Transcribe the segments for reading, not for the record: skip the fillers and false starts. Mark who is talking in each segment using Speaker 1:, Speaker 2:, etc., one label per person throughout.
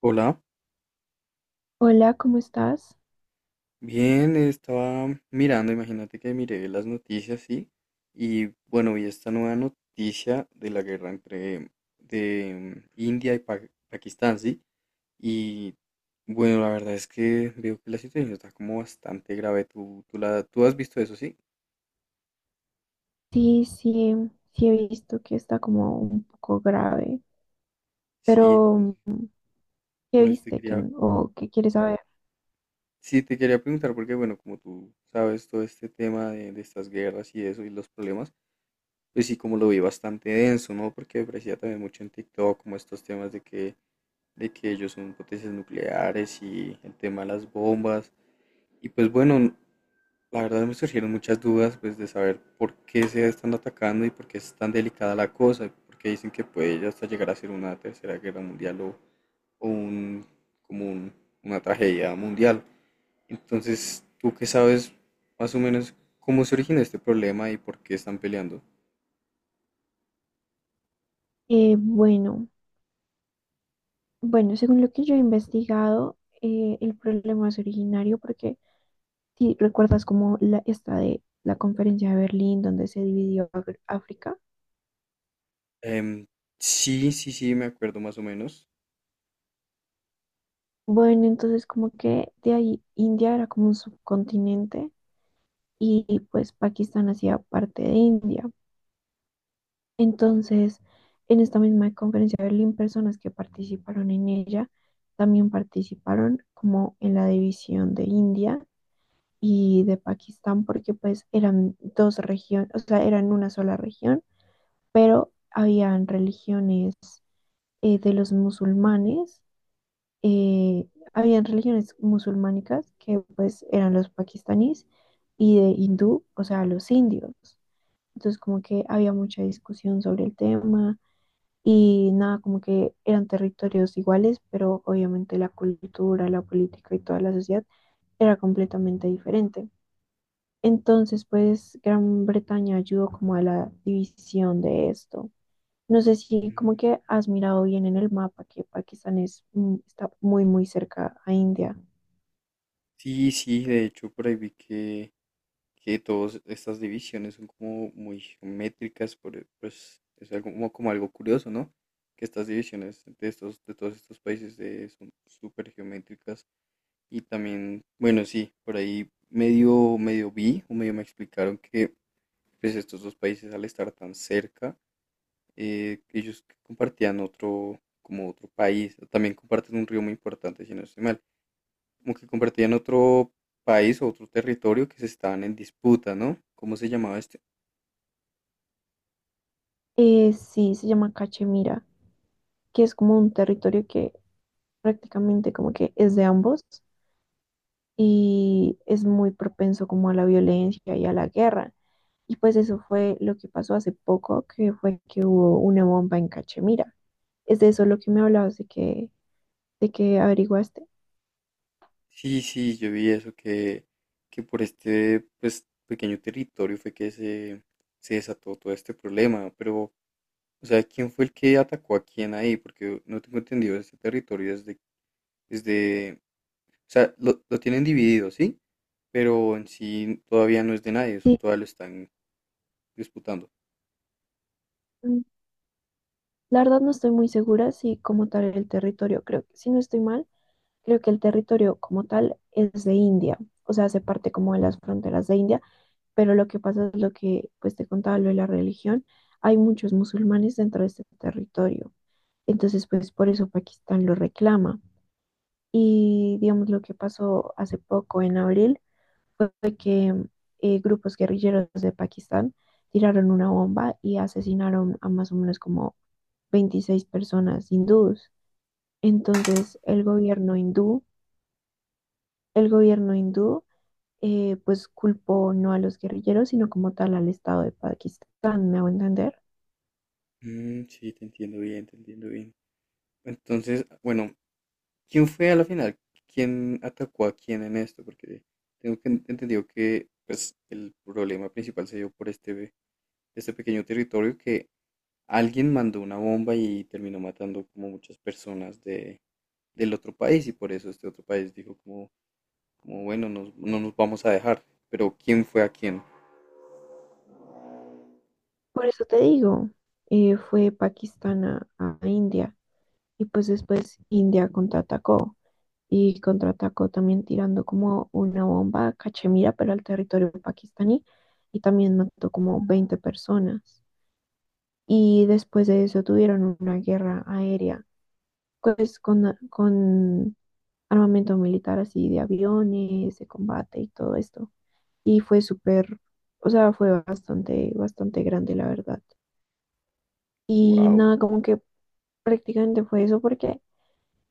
Speaker 1: Hola,
Speaker 2: Hola, ¿cómo estás?
Speaker 1: bien, estaba mirando, imagínate que miré las noticias, sí, y bueno, vi esta nueva noticia de la guerra entre de India y Pakistán, sí, y bueno, la verdad es que veo que la situación está como bastante grave, tú has visto eso, sí.
Speaker 2: Sí, sí, sí he visto que está como un poco grave,
Speaker 1: Sí,
Speaker 2: pero ¿qué
Speaker 1: pues te
Speaker 2: viste
Speaker 1: quería,
Speaker 2: o qué quieres saber?
Speaker 1: sí, te quería preguntar porque bueno, como tú sabes todo este tema de estas guerras y eso y los problemas. Pues sí, como lo vi bastante denso, ¿no? Porque aparecía también mucho en TikTok como estos temas de que ellos son potencias nucleares y el tema de las bombas. Y pues bueno, la verdad me surgieron muchas dudas pues de saber por qué se están atacando y por qué es tan delicada la cosa, y por qué dicen que puede ya hasta llegar a ser una tercera guerra mundial o como un- una tragedia mundial. Entonces, ¿tú qué sabes más o menos cómo se origina este problema y por qué están peleando?
Speaker 2: Eh, bueno, bueno, según lo que yo he investigado, el problema es originario porque si recuerdas como esta de la conferencia de Berlín donde se dividió África.
Speaker 1: Em, sí, sí, sí, me acuerdo más o menos.
Speaker 2: Bueno, entonces como que de ahí India era como un subcontinente y pues Pakistán hacía parte de India. Entonces, en esta misma conferencia de Berlín, personas que participaron en ella también participaron como en la división de India y de Pakistán, porque pues eran dos regiones, o sea, eran una sola región, pero habían religiones de los musulmanes, eh, habían religiones musulmánicas que pues eran los pakistaníes y de hindú, o sea, los indios. Entonces, como que había mucha discusión sobre el tema y nada, como que eran territorios iguales, pero obviamente la cultura, la política y toda la sociedad era completamente diferente. Entonces, pues Gran Bretaña ayudó como a la división de esto. No sé si como que
Speaker 1: Mm.
Speaker 2: has mirado bien en el mapa que Pakistán es, está muy, muy cerca a India.
Speaker 1: Sí, sí, de hecho por ahí vi que todas estas divisiones son como muy geométricas, pues es algo, como algo curioso, ¿no? Que estas divisiones de todos estos países son súper geométricas. Y también, bueno, sí, por ahí medio vi o medio me explicaron que pues estos dos países al estar tan cerca, ellos compartían como otro país, también comparten un río muy importante, si no estoy mal, como que compartían otro país o otro territorio que se estaban en disputa, ¿no? ¿Cómo se llamaba este?
Speaker 2: Sí, se llama Cachemira, que es como un territorio que prácticamente como que es de ambos y es muy propenso como a la violencia y a la guerra. Y pues eso fue lo que pasó hace poco, que fue que hubo una bomba en Cachemira. ¿Es de eso lo que me hablabas de que averiguaste?
Speaker 1: Sí, sí, yo vi eso, que por este pues, pequeño territorio fue que se desató todo este problema, pero, o sea, ¿quién fue el que atacó a quién ahí? Porque no tengo entendido este territorio desde, desde o sea, lo tienen dividido, ¿sí? Pero en sí todavía no es de nadie, eso
Speaker 2: Sí,
Speaker 1: todavía lo están disputando.
Speaker 2: mm, la verdad no estoy muy segura si como tal el territorio, creo que si no estoy mal, creo que el territorio como tal es de India, o sea, hace parte como de las fronteras de India, pero lo que pasa es lo que pues te contaba lo de la religión, hay muchos musulmanes dentro de este territorio, entonces pues por eso Pakistán lo reclama. Y digamos lo que pasó hace poco en abril fue que grupos guerrilleros de Pakistán tiraron una bomba y asesinaron a más o menos como 26 personas hindúes. Entonces el gobierno hindú pues culpó no a los guerrilleros, sino como tal al Estado de Pakistán, ¿me hago entender?
Speaker 1: Mm, sí, te entiendo bien, te entiendo bien. Entonces, bueno, ¿quién fue a la final? ¿Quién atacó a quién en esto? Porque tengo que entendido que pues el problema principal se dio por este pequeño territorio que alguien mandó una bomba y terminó matando como muchas personas del otro país y por eso este otro país dijo como, como bueno, no nos vamos a dejar. Pero ¿quién fue a quién?
Speaker 2: Por eso te digo, fue Pakistán a India y pues después India contraatacó. Y contraatacó también tirando como una bomba a Cachemira, pero al territorio pakistaní, y también mató como 20 personas. Y después de eso tuvieron una guerra aérea, pues con armamento militar así de aviones, de combate y todo esto. Y fue súper, o sea, fue bastante, bastante grande, la verdad. Y
Speaker 1: Wow.
Speaker 2: nada, como que prácticamente fue eso porque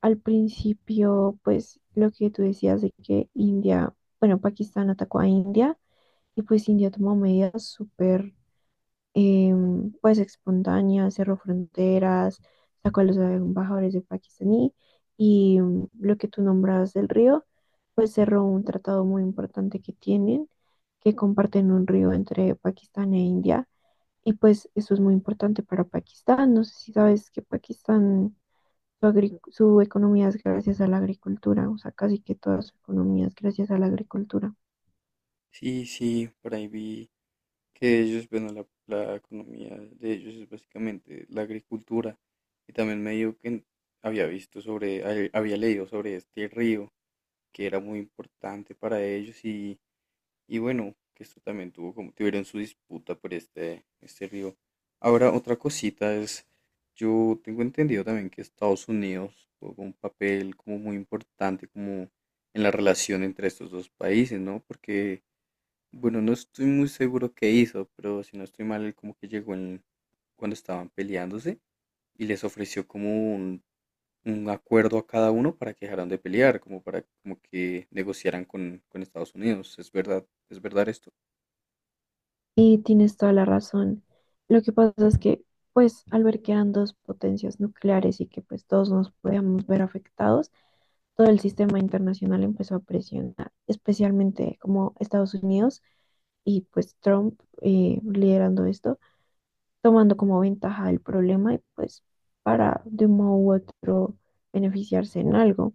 Speaker 2: al principio, pues lo que tú decías de que India, bueno, Pakistán atacó a India y pues India tomó medidas súper, pues espontáneas, cerró fronteras, sacó a los embajadores de pakistaní y lo que tú nombrabas del río, pues cerró un tratado muy importante que tienen, que comparten un río entre Pakistán e India y pues eso es muy importante para Pakistán. No sé si sabes que Pakistán su, su economía es gracias a la agricultura, o sea, casi que toda su economía es gracias a la agricultura.
Speaker 1: Sí, sí, por ahí vi que ellos, bueno, la economía de ellos es básicamente la agricultura. Y también me dijo que había leído sobre este río, que era muy importante para ellos. Y bueno, que esto también tuvo como, tuvieron su disputa por este río. Ahora, otra cosita es, yo tengo entendido también que Estados Unidos jugó un papel como muy importante como en la relación entre estos dos países, ¿no? Porque, bueno, no estoy muy seguro qué hizo, pero si no estoy mal, él como que llegó en, cuando estaban peleándose y les ofreció como un acuerdo a cada uno para que dejaran de pelear, como para como que negociaran con Estados Unidos. ¿Es verdad? ¿Es verdad esto?
Speaker 2: Y tienes toda la razón. Lo que pasa es que, pues, al ver que eran dos potencias nucleares y que, pues, todos nos podíamos ver afectados, todo el sistema internacional empezó a presionar, especialmente como Estados Unidos y, pues, Trump liderando esto, tomando como ventaja el problema y, pues, para de un modo u otro beneficiarse en algo.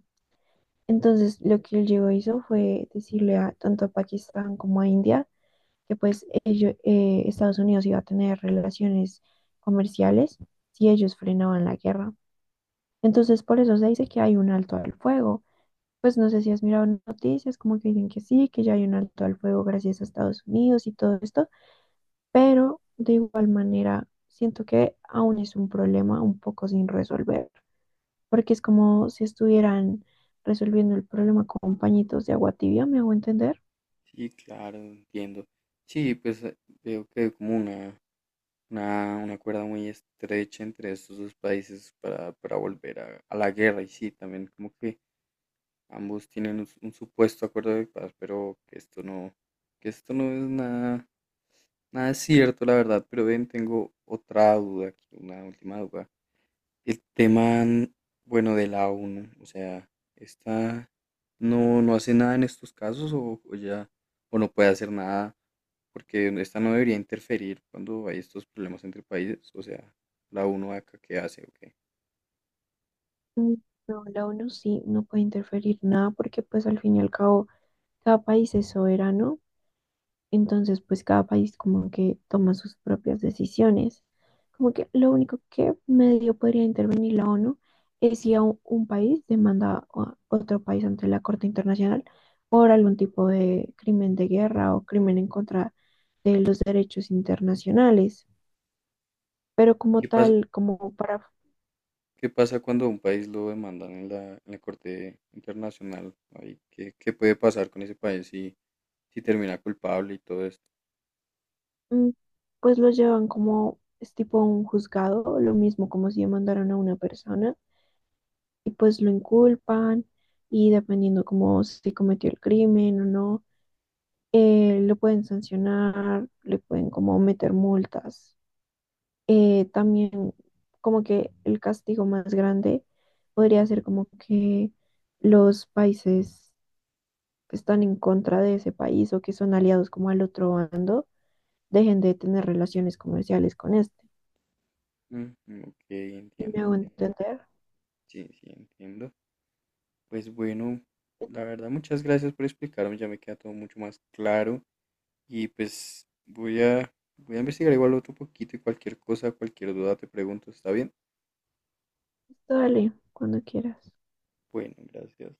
Speaker 2: Entonces, lo que el Diego hizo fue decirle a, tanto a Pakistán como a India que pues Estados Unidos iba a tener relaciones comerciales si ellos frenaban la guerra. Entonces, por eso se dice que hay un alto al fuego. Pues no sé si has mirado noticias, como que dicen que sí, que ya hay un alto al fuego gracias a Estados Unidos y todo esto, pero de igual manera siento que aún es un problema un poco sin resolver porque es como si estuvieran resolviendo el problema con pañitos de agua tibia, ¿me hago entender?
Speaker 1: Sí, claro, entiendo. Sí, pues veo que hay como una cuerda muy estrecha entre estos dos países para volver a la guerra. Y sí, también como que ambos tienen un, un supuesto acuerdo de paz, pero que esto no es nada, nada cierto, la verdad. Pero ven, tengo otra duda aquí, una última duda. El tema, mm, bueno, de la ONU, o sea, esta no hace nada en estos casos o ya o no puede hacer nada porque esta no debería interferir cuando hay estos problemas entre países, o sea, la uno acá qué hace o qué.
Speaker 2: Mm, No, la ONU sí no puede interferir nada porque pues al fin y al cabo cada país es soberano, entonces pues cada país como que toma sus propias decisiones. Como que lo único que medio podría intervenir la ONU es si a un país demanda a otro país ante la Corte Internacional por algún tipo de crimen de guerra o crimen en contra de los derechos internacionales. Pero como
Speaker 1: ¿Qué pasa,
Speaker 2: tal, como para,
Speaker 1: qué pasa cuando a un país lo demandan en en la Corte Internacional? Ahí, ¿qué, qué puede pasar con ese país si, si termina culpable y todo esto?
Speaker 2: mm, pues los llevan como, es tipo a un juzgado, lo mismo como si mandaron a una persona y pues lo inculpan y dependiendo como si cometió el crimen o no, lo pueden sancionar, le pueden como meter multas. También como que el castigo más grande podría ser como que los países están en contra de ese país o que son aliados como al otro bando dejen de tener relaciones comerciales con este.
Speaker 1: Mm, ok,
Speaker 2: Y
Speaker 1: entiendo,
Speaker 2: me hago
Speaker 1: entiendo.
Speaker 2: entender.
Speaker 1: Sí, sí, entiendo. Pues bueno,
Speaker 2: Entonces,
Speaker 1: la verdad, muchas gracias por explicarme, ya me queda todo mucho más claro y pues voy voy a investigar igual otro poquito y cualquier cosa, cualquier duda te pregunto, ¿está bien?
Speaker 2: dale, cuando quieras.
Speaker 1: Bueno, gracias.